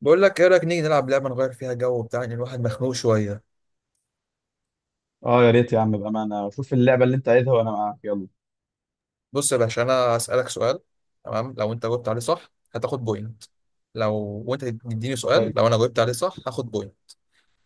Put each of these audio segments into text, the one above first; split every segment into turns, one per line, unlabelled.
بقول لك ايه رايك نيجي نلعب لعبه نغير فيها جو بتاع ان الواحد مخنوق شويه.
اه، يا ريت يا عم، بأمانة. شوف اللعبة اللي انت عايزها وانا معاك. يلا.
بص يا باشا، انا هسالك سؤال. تمام، لو انت جاوبت عليه صح هتاخد بوينت. لو وانت تديني سؤال،
حلو.
لو انا جاوبت عليه صح هاخد بوينت.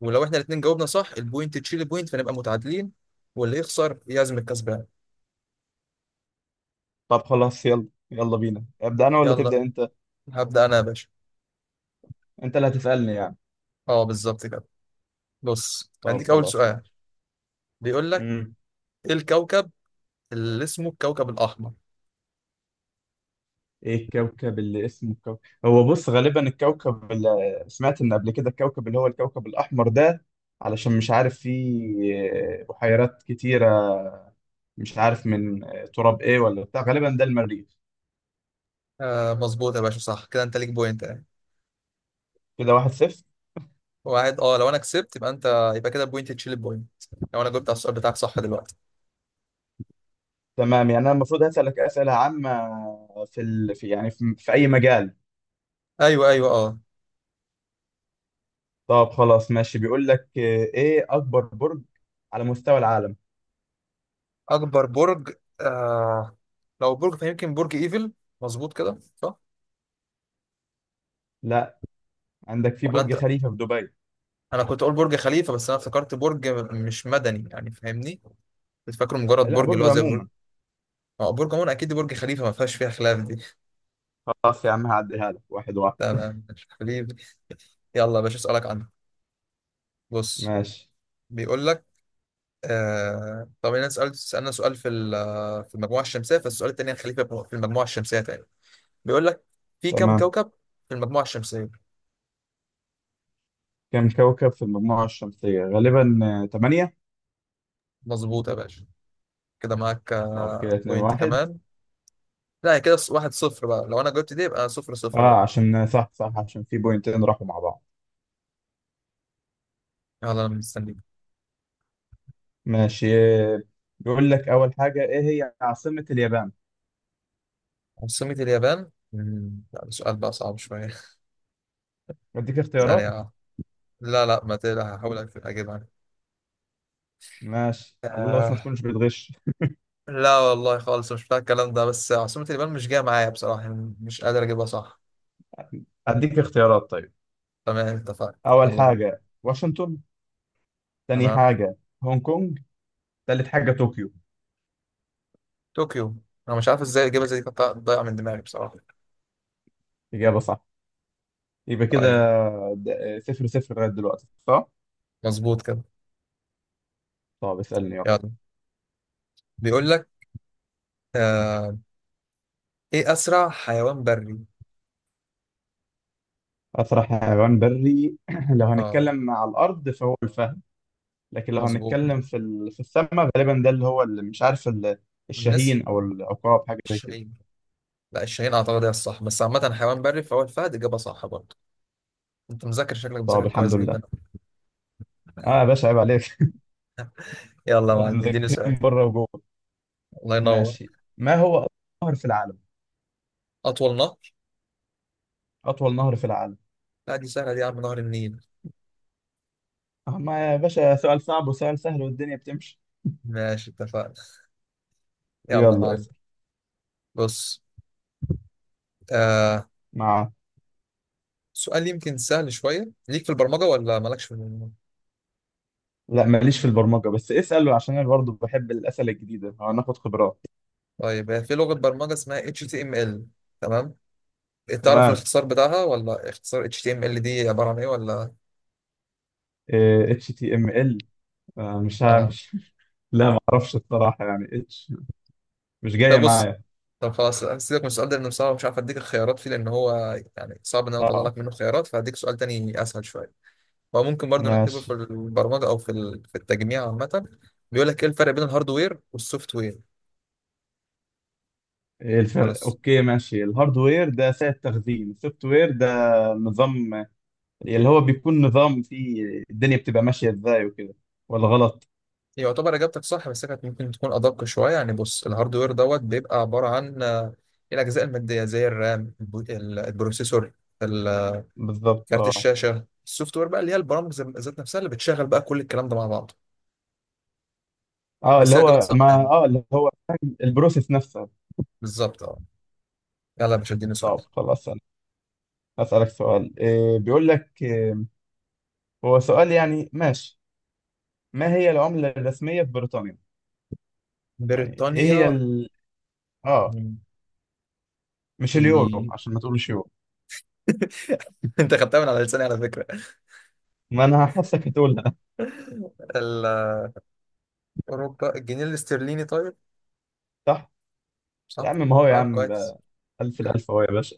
ولو احنا الاثنين جاوبنا صح، البوينت تشيل البوينت، فنبقى متعادلين. واللي يخسر يعزم الكسبان.
طب خلاص، يلا يلا بينا. ابدأ انا ولا تبدأ
يلا،
انت؟
هبدا انا يا باشا.
انت اللي هتسألني يعني؟
اه، بالظبط كده. بص،
طب
هديك اول
خلاص،
سؤال.
ماشي.
بيقول لك:
امم
ايه الكوكب اللي اسمه الكوكب الاحمر؟
ايه الكوكب اللي اسمه كوكب؟ هو بص، غالبا الكوكب اللي، سمعت ان قبل كده، الكوكب اللي هو الكوكب الأحمر ده، علشان مش عارف فيه بحيرات كتيرة، مش عارف من تراب ايه ولا بتاع، غالبا ده المريخ.
آه، مظبوط يا باشا، صح كده انت ليك بوينت.
كده واحد صفر.
واحد، اه لو انا كسبت يبقى انت يبقى كده بوينت تشيل البوينت، لو انا جبت على السؤال بتاعك صح دلوقتي.
تمام، يعني انا المفروض هسألك أسئلة عامة في ال... في يعني في... في اي مجال.
ايوه، ايوه، اه.
طب خلاص ماشي. بيقول لك ايه اكبر برج على مستوى العالم؟
اكبر برج؟ آه لو برج فيمكن برج ايفل. مظبوط كده، صح؟
لا، عندك في
ولا
برج
انت؟
خليفة في دبي.
انا كنت اقول برج خليفه، بس انا افتكرت برج مش مدني، يعني فاهمني؟ كنت فاكره مجرد
لا،
برج اللي
برج
هو زي برج.
عموما.
اه، برج عموما اكيد برج خليفه، ما فيهاش فيها خلاف دي.
خلاص يا عم، هعديها لك واحد واحد.
تمام، مش خليفه. يلا يا باشا، اسالك عنه. بص.
ماشي.
بيقول لك: طب انا سالنا سؤال في المجموعه الشمسيه، فالسؤال التاني هنخليه في المجموعه الشمسيه تاني. بيقول لك: في كم
تمام،
كوكب في المجموعة الشمسية؟
كم كوكب في المجموعة الشمسية؟ غالبا تمانية.
مظبوط يا باشا. كده معاك
طب كده اتنين
بوينت
واحد.
كمان. لا، هي كده واحد صفر بقى، لو انا جبت دي يبقى صفر صفر
اه،
برضه.
عشان صح صح، عشان في بوينتين راحوا مع بعض.
يلا، انا مستنيك.
ماشي. آه، بيقول لك اول حاجة، ايه هي عاصمة اليابان؟
عاصمة اليابان، لا ده سؤال بقى صعب شوية.
اديك
ثانية
اختيارات.
واحدة. لا، لا، ما تقلق، هحاول اجيبها.
ماشي، الله، بس ما
آه.
تكونش بتغش.
لا والله خالص، مش فاهم الكلام ده، بس عاصمة اليابان مش جاية معايا بصراحة، يعني مش قادر اجيبها صح.
اديك اختيارات طيب.
تمام، اتفقنا،
اول
يلا بينا.
حاجة واشنطن، تاني
تمام.
حاجة هونج كونج، تالت حاجة طوكيو.
طوكيو. انا مش عارف ازاي الاجابة زي دي كانت ضايعة من دماغي بصراحة.
إجابة صح. يبقى كده
طيب.
صفر صفر لغاية دلوقتي، صح؟
مظبوط كده.
طب اسألني يلا.
يلا. بيقول لك: آه ايه اسرع حيوان بري؟
أسرع حيوان بري لو
اه،
هنتكلم على الأرض فهو الفهد، لكن لو
مظبوط.
هنتكلم في ال... في السماء، غالبا ده اللي هو اللي مش عارف ال...
النسر،
الشاهين أو العقاب، حاجة زي كده.
الشاهين. لا، الشاهين اعتقد هي الصح، بس عامه حيوان بري فهو الفهد، اجابه صح برضه. انت مذاكر، شكلك
طب
مذاكر كويس
الحمد
جدا.
لله. آه يا باشا، عيب عليك.
يلا يا معلم، اديني سؤال.
مذاكرين بره وجوه.
الله ينور.
ماشي، ما هو أطول نهر في العالم؟
اطول نهر؟
أطول نهر في العالم.
لا، دي سهله دي يا عم، نهر النيل.
ما يا باشا، سؤال صعب وسؤال سهل والدنيا بتمشي.
ماشي، اتفقنا. يلا يا
يلا
معلم.
اسأل.
بص. آه
مع،
سؤال يمكن سهل شويه، ليك في البرمجه ولا مالكش في البرمجه؟
لا ماليش في البرمجة، بس اسأله عشان أنا برضه بحب الأسئلة الجديدة، هناخد خبرات.
طيب، هي في لغه برمجه اسمها HTML. تمام. تعرف
تمام.
الاختصار بتاعها، ولا اختصار HTML دي عباره عن ايه ولا؟
اتش تي ام ال، مش
اه.
هامش؟ لا، ما اعرفش الصراحة، يعني اتش، مش جاية
طب بص.
معايا.
طب خلاص، هسيبك من السؤال ده لانه صعب، مش عارف اديك الخيارات فيه لان هو يعني صعب ان انا اطلع
اه،
لك منه خيارات، فهديك سؤال تاني اسهل شويه. هو ممكن برضو نعتبره في
ماشي.
البرمجه، او في التجميع عامه. بيقول لك: ايه الفرق بين الهاردوير والسوفت وير؟
إيه الفرق؟
خلاص.
اوكي ماشي. الهاردوير ده سعة تخزين، السوفت وير ده نظام، اللي هو بيكون نظام فيه الدنيا بتبقى ماشية ازاي وكده. ولا غلط؟
يعتبر اجابتك صح، بس كانت ممكن تكون ادق شويه، يعني بص الهاردوير دوت بيبقى عباره عن الاجزاء الماديه زي الرام، البروسيسور، ال- آه،
بالظبط
كارت
اه.
الشاشه. السوفت وير بقى اللي هي البرامج ذات نفسها، اللي بتشغل بقى كل الكلام ده مع بعض.
اه
بس
اللي
هي اجابه
هو،
صح
ما،
يعني.
اه اللي هو فاهم البروسيس نفسها.
بالظبط، اه. يلا يا باشا، اديني سؤال.
طب خلاص، أنا هسألك سؤال. إيه بيقول لك هو سؤال يعني ماشي. ما هي العملة الرسمية في بريطانيا؟ يعني ايه هي
بريطانيا.
ال... اه،
مم.
مش اليورو
اللي
عشان ما تقولش يورو.
انت خدتها من على لساني على فكره.
ما انا حاسك هتقولها.
ال- اوروبا، الجنيه الاسترليني. طيب.
صح. يا
صح.
عم ما هو يا
طب
عم
كويس.
بقى الف الالف اهو يا باشا.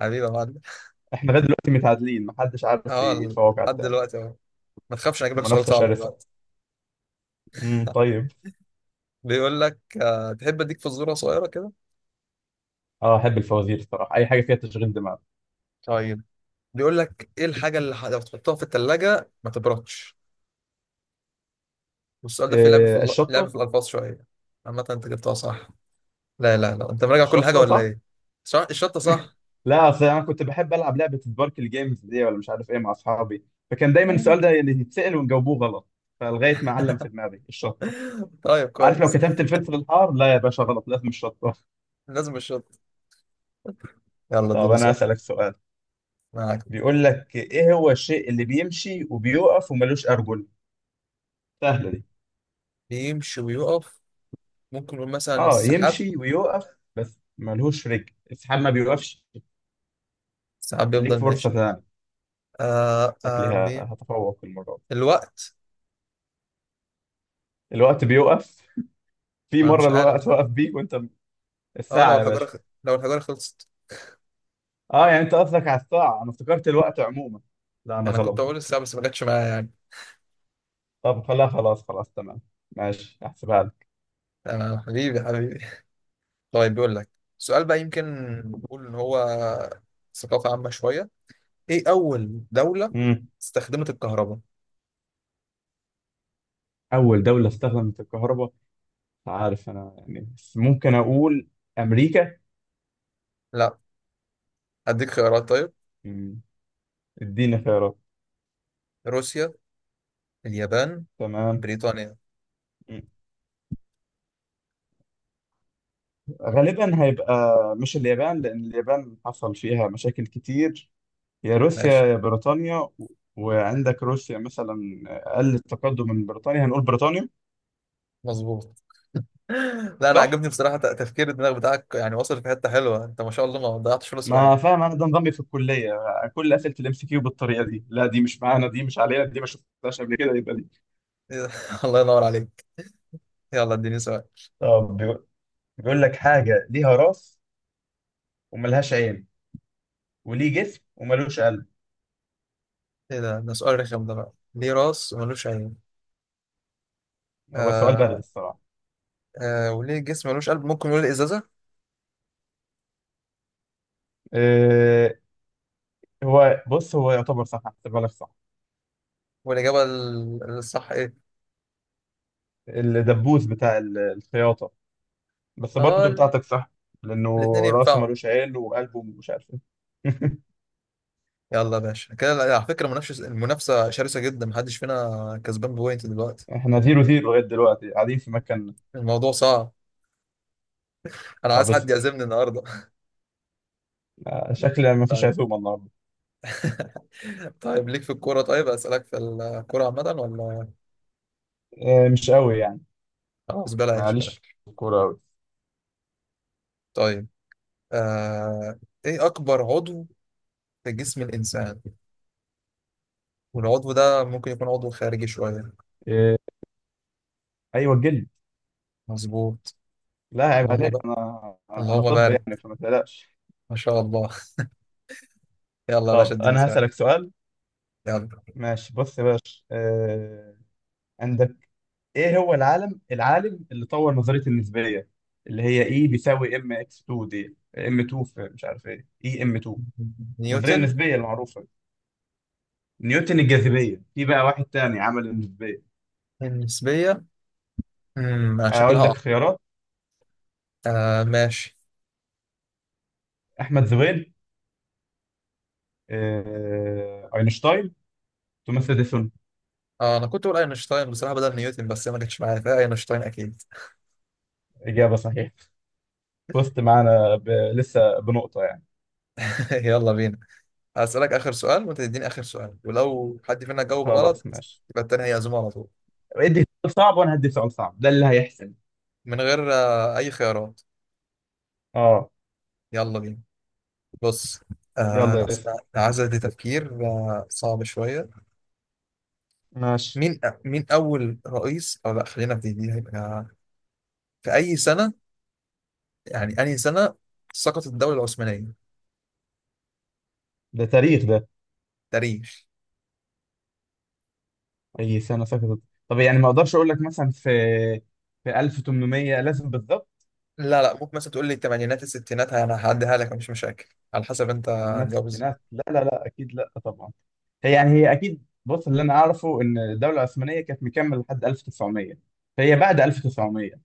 حبيبي يا معلم.
احنا لغايه دلوقتي متعادلين، محدش عارف
اه،
يتفوق على
لحد
التاني.
دلوقتي اهو. ما تخافش، انا اجيب لك سؤال
المنافسه
صعب
شرسه.
دلوقتي.
طيب.
بيقول لك: تحب اديك فزوره صغيره كده؟
اه، احب الفوازير الصراحه، اي حاجه فيها تشغيل دماغ.
طيب. بيقول لك: ايه الحاجه اللي لو تحطها في الثلاجه ما تبردش؟ والسؤال ده فيه
إيه؟
لعب
الشطه.
في الالفاظ شويه. عامه، انت جبتها صح. لا، لا، لا، انت مراجع كل حاجه
الشطه
ولا
صح.
ايه؟ صح، الشطه صح.
لا، اصل انا كنت بحب العب لعبه سباركل جيمز دي، ولا مش عارف ايه، مع اصحابي، فكان دايما السؤال ده اللي يتسال ونجاوبوه غلط، فلغايه ما علم في دماغي الشطه.
طيب،
عارف لو
كويس.
كتبت الفلفل الحار، لا يا باشا غلط، لازم مش شطة.
لازم الشط. يلا،
طب
اديني
انا
سؤال.
هسألك سؤال.
معاك.
بيقول لك ايه هو الشيء اللي بيمشي وبيوقف وملوش ارجل؟ سهلة دي.
بيمشي ويقف؟ ممكن نقول مثلا
اه
السحاب.
يمشي ويوقف بس ملوش رجل، السحاب ما بيوقفش.
السحاب
ليك
بيفضل
فرصة
ماشي.
تانية.
آه آه
شكلها
بي...
هتفوق المرة دي.
الوقت.
الوقت بيوقف؟ في
انا
مرة
مش عارف
الوقت
بقى.
وقف بيك وانت...
اه، لو
الساعة يا
الحجارة
باشا.
لو الحجارة خلصت.
اه، يعني انت قصدك على الساعة، انا افتكرت الوقت عموما. لا انا
انا كنت
ظلمتك.
اقول السحاب، بس ما جاتش معايا يعني.
طب خلاص خلاص خلاص، تمام، ماشي، احسبها لك.
تمام، حبيبي، حبيبي. طيب، بيقول لك: سؤال بقى يمكن نقول ان هو ثقافة عامة شوية. ايه اول دولة
مم.
استخدمت الكهرباء؟
اول دولة استخدمت الكهرباء؟ عارف، انا يعني بس ممكن اقول امريكا.
لا. اديك خيارات، طيب.
مم. اديني خيارات.
روسيا، اليابان،
تمام.
بريطانيا.
مم. غالبا هيبقى مش اليابان، لان اليابان حصل فيها مشاكل كتير. يا روسيا
ماشي.
يا بريطانيا و... وعندك روسيا مثلا اقل التقدم من بريطانيا، هنقول بريطانيا.
مظبوط. لا، انا
صح؟
عجبني بصراحه، تفكير الدماغ بتاعك يعني وصل في حته حلوه، انت ما شاء الله ما ضيعتش ولا سؤال.
ما فاهم، انا ده نظامي في الكليه، كل اسئله الام سي كيو بالطريقه دي. لا دي مش معانا، دي مش علينا، دي ما شفتهاش قبل كده، يبقى دي.
إيه ده؟ الله ينور عليك. يلا، اديني سؤال.
طب بيقول لك حاجه ليها راس وملهاش عين وليه جسم وملوش قلب.
ايه ده؟ ده سؤال رخم ده بقى، ليه راس وملوش عين؟
هو سؤال بارد
آه
الصراحة.
وليه جسم ملوش قلب، ممكن نقول ازازه.
إيه؟ هو بص، هو يعتبر صح، هحسبها لك صح.
والاجابه الصح ايه؟
الدبوس بتاع ال... الخياطة. بس
اه،
برضه بتاعتك صح، لأنه
الاثنين
راسه
ينفعوا.
ملوش عيل وقلبه مش عارف إيه.
يلا يا باشا، كده على فكره المنافسه شرسه جدا، محدش فينا كسبان بوينت دلوقتي.
احنا زيرو زيرو لغاية دلوقتي قاعدين في مكان.
الموضوع صعب. انا عايز
طب
حد
اسأل.
يعزمني النهارده.
شكل ما فيش
طيب.
عزومة النهاردة.
طيب، ليك في الكوره؟ طيب اسالك في الكوره عامه ولا؟
إيه؟ مش قوي يعني.
خلاص، بلاش،
معليش،
بلاش.
في الكورة قوي.
طيب. آه... ايه اكبر عضو في جسم الانسان؟ والعضو ده ممكن يكون عضو خارجي شويه.
إيه؟ أيوه، الجلد.
مظبوط.
لا عيب
اللهم
عليك،
بقى،
أنا
اللهم
طب،
بارك،
يعني فما تقلقش.
ما شاء الله. يلا يا باشا،
طب
اديني
أنا
سؤال.
هسألك سؤال.
يلا.
ماشي، بص يا باشا، إيه ايه هو العالم اللي طور نظريه النسبيه، اللي هي اي بيساوي ام اكس 2 دي ام 2 في مش عارف ايه اي ام 2، النظريه
نيوتن.
النسبيه المعروفه. نيوتن؟ الجاذبيه، في بقى واحد تاني عمل النسبيه.
النسبيه. انا شكلها،
اقول لك
اه.
خيارات.
آه، ماشي.
احمد زويل، آه... اينشتاين، توماس اديسون.
اه، انا كنت بقول اينشتاين بصراحه بدل نيوتن، بس هي ما جتش معايا فيها، اينشتاين اكيد.
اجابه صحيحه. فزت معانا ب... لسه بنقطه يعني.
يلا بينا. هسألك اخر سؤال وانت تديني اخر سؤال، ولو حد فينا جاوب
خلاص
غلط
ماشي.
يبقى التاني هيعزمه على طول.
ادي سؤال صعب وانا هدي سؤال صعب، ده اللي هيحسن.
من غير اي خيارات.
اه.
يلا بينا. بص. لا،
يلا اسال.
لا، العزة دي تفكير صعب شوية.
ماشي.
مين أول رئيس؟ أو لا، خلينا في دي هيبقى في أي سنة، يعني أي سنة سقطت الدولة العثمانية؟
ده تاريخ ده.
تاريخ.
اي سنه سقطت؟ طب يعني، ما اقدرش اقول لك مثلا في، في 1800 لازم بالظبط.
لا، لا، ممكن مثلا تقول لي الثمانينات، الستينات، أنا هعديها لك، مش مشاكل. على حسب أنت
تمانينات
هتجاوب ازاي.
ستينات، لا لا لا اكيد لا طبعا. هي يعني هي اكيد، بص اللي انا اعرفه ان الدوله العثمانيه كانت مكمله لحد 1900، فهي بعد 1900،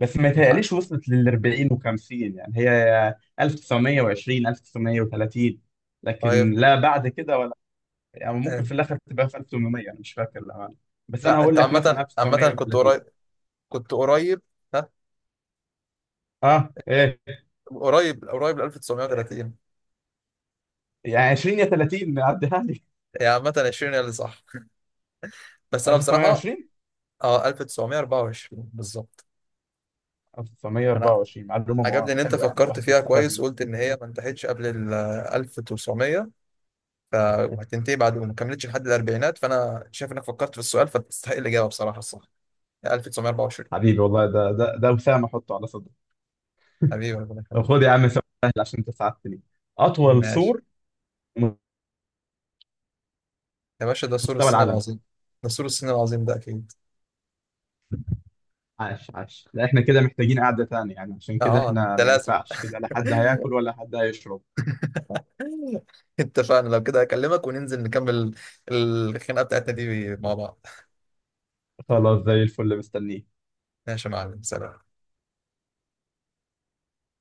بس ما
الحق.
يتهيأليش وصلت لل 40 و50، يعني هي 1920، 1930، لكن
طيب.
لا بعد كده ولا. يعني ممكن
آه،
في الاخر تبقى في 1800، انا مش فاكر الامانه، بس انا
لا،
هقول
أنت
لك مثلا
عامة عامة كنت
1930.
قريب. كنت قريب. ها.
اه ايه؟
قريب، قريب ل 1930.
يعني 20 يا 30، عديها لي.
هي عامة، 20 هي اللي صح. بس أنا بصراحة.
1920.
اه، 1924 بالظبط. انا
1924 معلومة
عجبني ان انت
حلوة، يعني
فكرت
الواحد
فيها
استفاد
كويس،
منها.
قلت ان هي ما انتهتش قبل ال 1900، ف وهتنتهي بعد، وما كملتش لحد الاربعينات، فانا شايف انك فكرت في السؤال فتستحق الاجابه بصراحه. الصح 1924.
حبيبي والله، ده ده وسام احطه على صدره.
حبيبي ربنا
طب خد
يخليك.
يا عم سؤال سهل عشان انت ساعدتني. اطول
ماشي.
سور في
يا باشا، ده سور
مستوى
الصين
العالم.
العظيم. ده سور الصين العظيم ده اكيد.
عاش عاش، لا احنا كده محتاجين قعدة تانية، يعني عشان كده
اه،
احنا
ده
ما
لازم.
ينفعش كده، لا حد هياكل ولا حد هيشرب.
اتفقنا، لو كده اكلمك وننزل نكمل الخناقه بتاعتنا دي مع بعض.
خلاص زي الفل، مستنيك.
ماشي يا معلم، سلام.